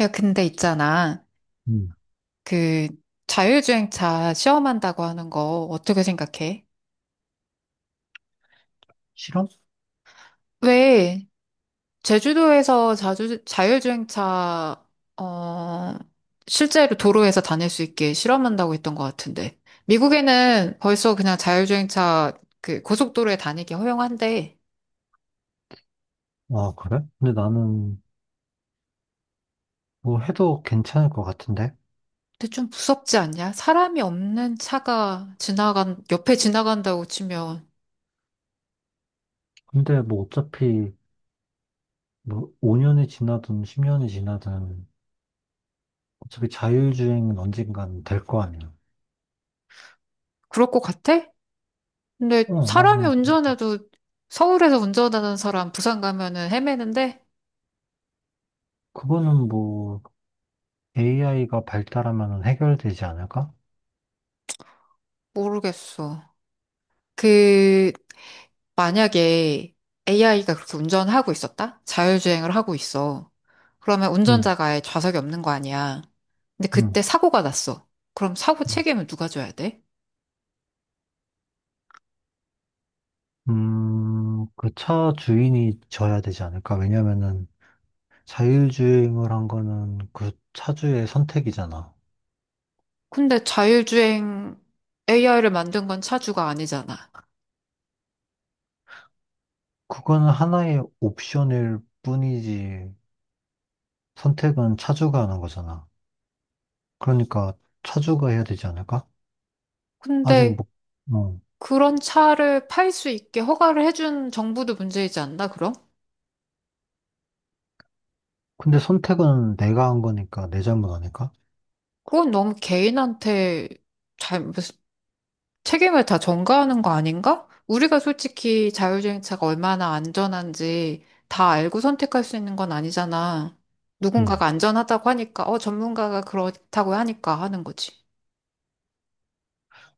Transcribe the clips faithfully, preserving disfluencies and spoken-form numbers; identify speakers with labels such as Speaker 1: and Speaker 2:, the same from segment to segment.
Speaker 1: 야, 근데 있잖아.
Speaker 2: 음,
Speaker 1: 그 자율주행차 시험한다고 하는 거 어떻게 생각해?
Speaker 2: 싫어?
Speaker 1: 왜 제주도에서 자주 자율주행차 어 실제로 도로에서 다닐 수 있게 실험한다고 했던 것 같은데. 미국에는 벌써 그냥 자율주행차 그 고속도로에 다니기 허용한데.
Speaker 2: 아, 그래? 근데 나는 뭐 해도 괜찮을 것 같은데?
Speaker 1: 근데 좀 무섭지 않냐? 사람이 없는 차가 지나간 옆에 지나간다고 치면.
Speaker 2: 근데 뭐 어차피 뭐 오 년이 지나든 십 년이 지나든 어차피 자율주행은 언젠간 될 거 아니야.
Speaker 1: 그럴 것 같아? 근데
Speaker 2: 어,
Speaker 1: 사람이
Speaker 2: 나는 그-
Speaker 1: 운전해도 서울에서 운전하는 사람 부산 가면은 헤매는데.
Speaker 2: 그거는 뭐 에이아이가 발달하면 해결되지 않을까?
Speaker 1: 모르겠어. 그 만약에 에이아이가 그렇게 운전하고 있었다? 자율주행을 하고 있어. 그러면
Speaker 2: 응
Speaker 1: 운전자가 아예 좌석이 없는 거 아니야. 근데 그때
Speaker 2: 응
Speaker 1: 사고가 났어. 그럼 사고
Speaker 2: 음,
Speaker 1: 책임은 누가 져야 돼?
Speaker 2: 음, 그 차 주인이 져야 되지 않을까? 왜냐면은 자율주행을 한 거는 그 차주의 선택이잖아.
Speaker 1: 근데 자율주행 에이아이를 만든 건 차주가 아니잖아.
Speaker 2: 그거는 하나의 옵션일 뿐이지 선택은 차주가 하는 거잖아. 그러니까 차주가 해야 되지 않을까? 아직
Speaker 1: 근데
Speaker 2: 뭐, 어.
Speaker 1: 그런 차를 팔 수 있게 허가를 해준 정부도 문제이지 않나, 그럼?
Speaker 2: 근데 선택은 내가 한 거니까 내 잘못 아닐까?
Speaker 1: 그건 너무 개인한테 잘, 무슨 책임을 다 전가하는 거 아닌가? 우리가 솔직히 자율주행차가 얼마나 안전한지 다 알고 선택할 수 있는 건 아니잖아.
Speaker 2: 음.
Speaker 1: 누군가가 안전하다고 하니까, 어, 전문가가 그렇다고 하니까 하는 거지.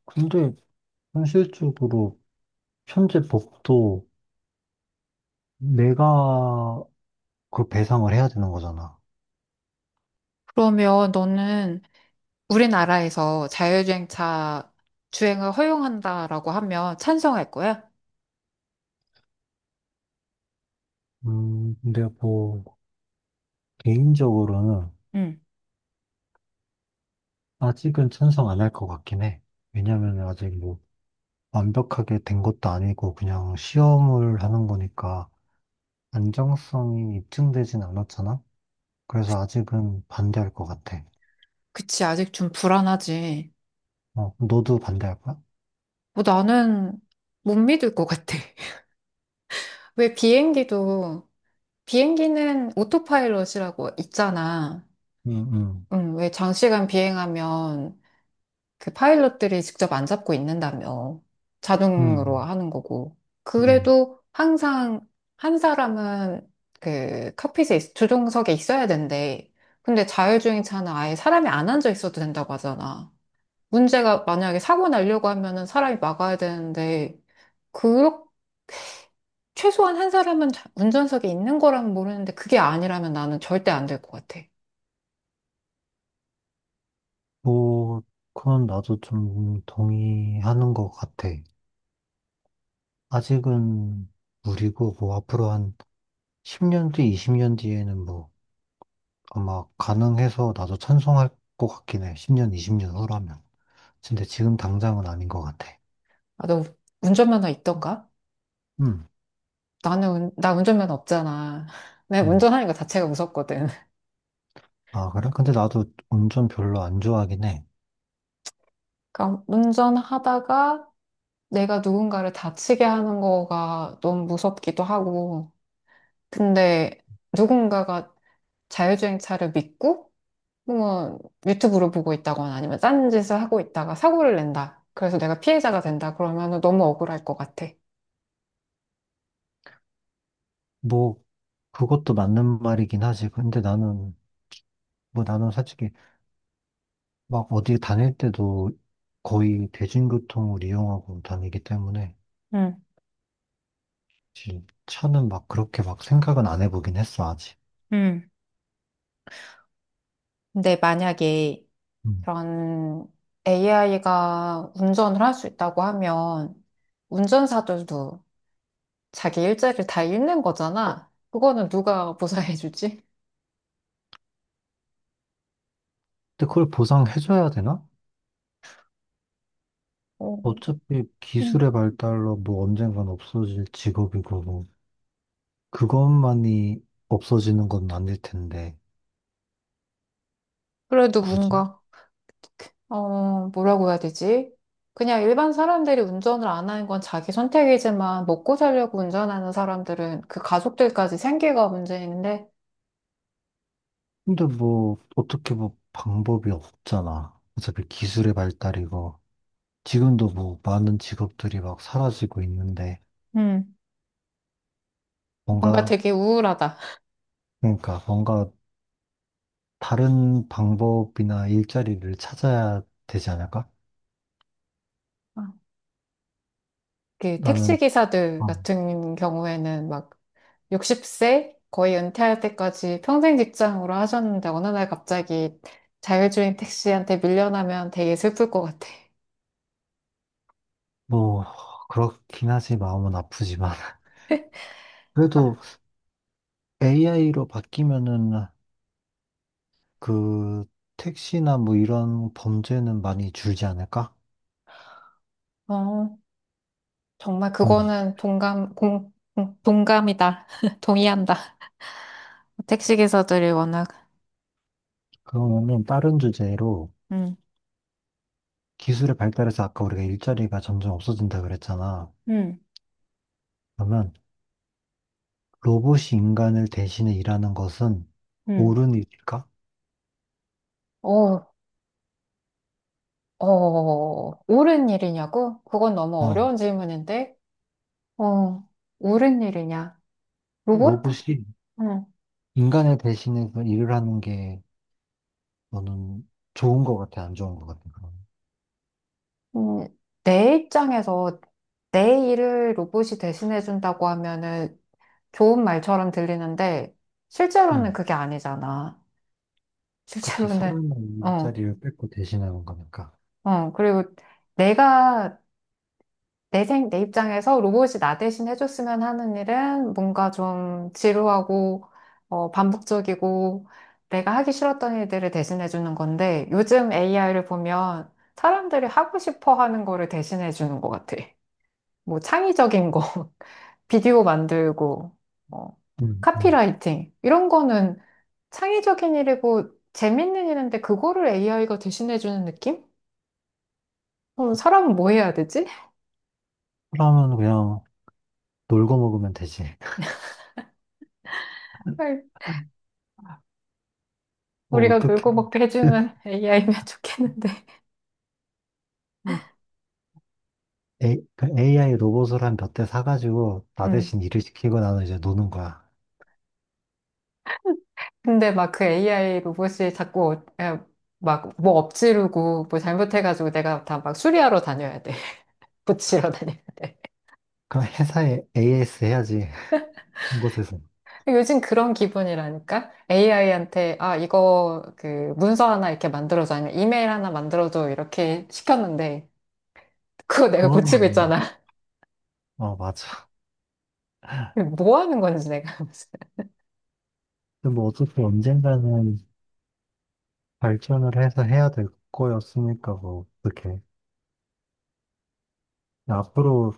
Speaker 2: 근데 현실적으로 현재 법도 내가 그 배상을 해야 되는 거잖아.
Speaker 1: 그러면 너는 우리나라에서 자율주행차 주행을 허용한다라고 하면 찬성할 거야?
Speaker 2: 음, 근데 뭐 개인적으로는
Speaker 1: 응.
Speaker 2: 아직은 찬성 안 할 것 같긴 해. 왜냐면 아직 뭐 완벽하게 된 것도 아니고 그냥 시험을 하는 거니까. 안정성이 입증되진 않았잖아? 그래서 아직은 반대할 것 같아.
Speaker 1: 그치, 아직 좀 불안하지.
Speaker 2: 어, 너도 반대할 거야?
Speaker 1: 뭐 나는 못 믿을 것 같아. 왜 비행기도 비행기는 오토파일럿이라고 있잖아.
Speaker 2: 응, 응,
Speaker 1: 응, 왜 장시간 비행하면 그 파일럿들이 직접 안 잡고 있는다며. 자동으로
Speaker 2: 응,
Speaker 1: 하는 거고.
Speaker 2: 응.
Speaker 1: 그래도 항상 한 사람은 그 칵핏에, 있- 조종석에 있어야 된대. 근데 자율주행 차는 아예 사람이 안 앉아 있어도 된다고 하잖아. 문제가 만약에 사고 나려고 하면은 사람이 막아야 되는데, 그, 최소한 한 사람은 자- 운전석에 있는 거라면 모르는데, 그게 아니라면 나는 절대 안 될 것 같아.
Speaker 2: 뭐, 그건 나도 좀 동의하는 것 같아. 아직은 무리고, 뭐, 앞으로 한 십 년 뒤, 이십 년 뒤에는 뭐, 아마 가능해서 나도 찬성할 것 같긴 해. 십 년, 이십 년 후라면. 근데 지금 당장은 아닌 것 같아.
Speaker 1: 아, 너 운전면허 있던가?
Speaker 2: 응,
Speaker 1: 나는, 운- 나 운전면허 없잖아. 내가
Speaker 2: 응.
Speaker 1: 운전하는 거 자체가 무섭거든.
Speaker 2: 아, 그래? 근데 나도 운전 별로 안 좋아하긴 해.
Speaker 1: 그러니까 운전하다가 내가 누군가를 다치게 하는 거가 너무 무섭기도 하고. 근데 누군가가 자율주행차를 믿고, 뭐, 유튜브를 보고 있다거나 아니면 짠 짓을 하고 있다가 사고를 낸다. 그래서 내가 피해자가 된다. 그러면 너무 억울할 것 같아.
Speaker 2: 뭐, 그것도 맞는 말이긴 하지. 근데 나는, 뭐 나는 솔직히 막 어디 다닐 때도 거의 대중교통을 이용하고 다니기 때문에
Speaker 1: 응,
Speaker 2: 사실 차는 막 그렇게 막 생각은 안 해보긴 했어, 아직.
Speaker 1: 응. 근데 만약에
Speaker 2: 음.
Speaker 1: 그런 에이아이가 운전을 할 수 있다고 하면 운전사들도 자기 일자리를 다 잃는 거잖아. 그거는 누가 보상해주지?
Speaker 2: 근데 그걸 보상해줘야 되나?
Speaker 1: 어,
Speaker 2: 어차피
Speaker 1: 음.
Speaker 2: 기술의 발달로 뭐 언젠간 없어질 직업이고 뭐 그것만이 없어지는 건 아닐 텐데,
Speaker 1: 그래도
Speaker 2: 굳이?
Speaker 1: 뭔가, 어, 뭐라고 해야 되지? 그냥 일반 사람들이 운전을 안 하는 건 자기 선택이지만 먹고 살려고 운전하는 사람들은 그 가족들까지 생계가 문제인데,
Speaker 2: 근데 뭐 어떻게 뭐 방법이 없잖아. 어차피 기술의 발달이고 지금도 뭐 많은 직업들이 막 사라지고 있는데
Speaker 1: 음. 뭔가
Speaker 2: 뭔가
Speaker 1: 되게 우울하다.
Speaker 2: 그러니까 뭔가 다른 방법이나 일자리를 찾아야 되지 않을까?
Speaker 1: 아. 그 택시
Speaker 2: 나는
Speaker 1: 기사들
Speaker 2: 아,
Speaker 1: 같은 경우에는 막 육십 세 거의 은퇴할 때까지 평생 직장으로 하셨는데 어느 날 갑자기 자율주행 택시한테 밀려나면 되게 슬플 것 같아.
Speaker 2: 뭐 그렇긴 하지 마음은 아프지만
Speaker 1: 아.
Speaker 2: 그래도 에이아이로 바뀌면은 그 택시나 뭐 이런 범죄는 많이 줄지 않을까?
Speaker 1: 어, 정말
Speaker 2: 음,
Speaker 1: 그거는 동감, 공, 공- 동감이다. 동의한다. 택시 기사들이 워낙,
Speaker 2: 그러면은 다른 주제로
Speaker 1: 음,
Speaker 2: 기술의 발달에서 아까 우리가 일자리가 점점 없어진다 그랬잖아.
Speaker 1: 응,
Speaker 2: 그러면 로봇이 인간을 대신해 일하는 것은
Speaker 1: 응.
Speaker 2: 옳은 일일까?
Speaker 1: 어, 어, 옳은 일이냐고? 그건 너무
Speaker 2: 어,
Speaker 1: 어려운 질문인데, 어, 옳은 일이냐? 로봇?
Speaker 2: 로봇이
Speaker 1: 응.
Speaker 2: 인간을 대신해서 일을 하는 게 너는 좋은 것 같아, 안 좋은 것 같아, 그럼?
Speaker 1: 음, 내 입장에서 내 일을 로봇이 대신해준다고 하면은 좋은 말처럼 들리는데, 실제로는
Speaker 2: 응,
Speaker 1: 그게 아니잖아.
Speaker 2: 그치.
Speaker 1: 실제로는,
Speaker 2: 사람의
Speaker 1: 어,
Speaker 2: 일자리를 뺏고 대신하는 거니까.
Speaker 1: 어. 그리고 내가, 내 생, 내 입장에서 로봇이 나 대신 해줬으면 하는 일은 뭔가 좀 지루하고, 어, 반복적이고, 내가 하기 싫었던 일들을 대신해주는 건데, 요즘 에이아이를 보면 사람들이 하고 싶어 하는 거를 대신해주는 것 같아. 뭐 창의적인 거. 비디오 만들고, 뭐,
Speaker 2: 응, 응.
Speaker 1: 카피라이팅. 이런 거는 창의적인 일이고 재밌는 일인데 그거를 에이아이가 대신해주는 느낌? 그럼 사람은 뭐 해야 되지?
Speaker 2: 사람은 그냥 놀고 먹으면 되지.
Speaker 1: 정말
Speaker 2: 뭐
Speaker 1: 우리가
Speaker 2: 어떻게.
Speaker 1: 놀고 먹게 해주는 에이아이면 좋겠는데.
Speaker 2: 에이아이 로봇을 한 몇 대 사가지고 나
Speaker 1: 음.
Speaker 2: 대신 일을 시키고 나는 이제 노는 거야.
Speaker 1: 근데 막 그 에이아이 로봇이 자꾸 어, 막뭐 엎지르고 뭐 잘못해가지고 내가 다 막 수리하러 다녀야 돼. 고치러 다녀야 돼.
Speaker 2: 그럼 회사에 에이에스 해야지. 한 곳에서.
Speaker 1: 요즘 그런 기분이라니까? 에이아이한테, 아, 이거, 그, 문서 하나 이렇게 만들어줘. 아니면 이메일 하나 만들어줘. 이렇게 시켰는데, 그거 내가 고치고
Speaker 2: 그거는,
Speaker 1: 있잖아.
Speaker 2: 뭐, 어, 맞아.
Speaker 1: 뭐 하는 건지 내가. 무슨.
Speaker 2: 근데 뭐 어차피 언젠가는 발전을 해서 해야 될 거였으니까 뭐 어떻게 앞으로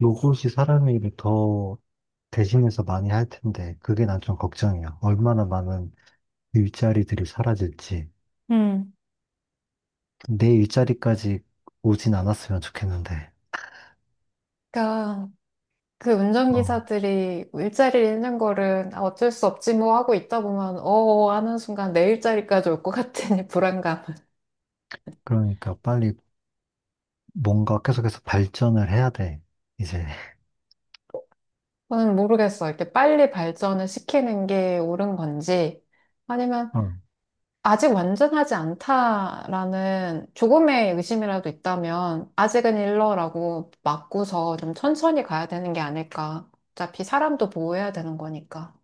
Speaker 2: 로봇이 사람의 일을 더 대신해서 많이 할 텐데 그게 난 좀 걱정이야. 얼마나 많은 일자리들이 사라질지
Speaker 1: 음.
Speaker 2: 내 일자리까지 오진 않았으면 좋겠는데.
Speaker 1: 그러니까, 그
Speaker 2: 어,
Speaker 1: 운전기사들이 일자리를 잃는 거를 아, 어쩔 수 없지 뭐 하고 있다 보면, 어, 어, 하는 순간 내 일자리까지 올 것 같은 이 불안감.
Speaker 2: 그러니까 빨리 뭔가 계속해서 발전을 해야 돼 이제.
Speaker 1: 저는 모르겠어. 이렇게 빨리 발전을 시키는 게 옳은 건지,
Speaker 2: 어,
Speaker 1: 아직 완전하지 않다라는 조금의 의심이라도 있다면 아직은 일러라고 맞고서 좀 천천히 가야 되는 게 아닐까. 어차피 사람도 보호해야 되는 거니까.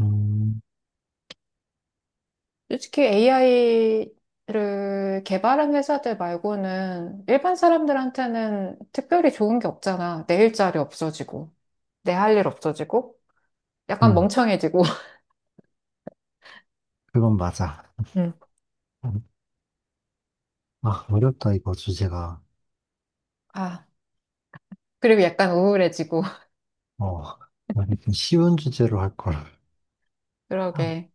Speaker 2: 음,
Speaker 1: 솔직히 에이아이를 개발한 회사들 말고는 일반 사람들한테는 특별히 좋은 게 없잖아. 내 일자리 없어지고, 내 할 일 없어지고, 약간
Speaker 2: 음
Speaker 1: 멍청해지고,
Speaker 2: 그건 맞아.
Speaker 1: 음.
Speaker 2: 음, 아 어렵다 이거 주제가.
Speaker 1: 아, 그리고 약간 우울해지고,
Speaker 2: 어, 아니, 좀 쉬운 주제로 할 걸.
Speaker 1: 그러게.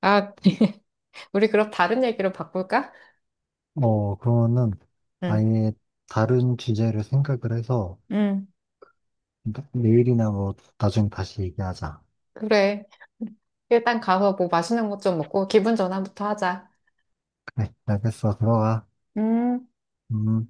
Speaker 1: 아, 우리 그럼 다른 얘기로 바꿀까?
Speaker 2: 어, 그러면은
Speaker 1: 응.
Speaker 2: 아예 다른 주제를 생각을 해서
Speaker 1: 응,
Speaker 2: 나- 내일이나 뭐 나중에 다시 얘기하자.
Speaker 1: 그래. 일단 가서 뭐 맛있는 것 좀 먹고 기분 전환부터 하자.
Speaker 2: 그래, 알겠어. 들어가.
Speaker 1: 음.
Speaker 2: 음.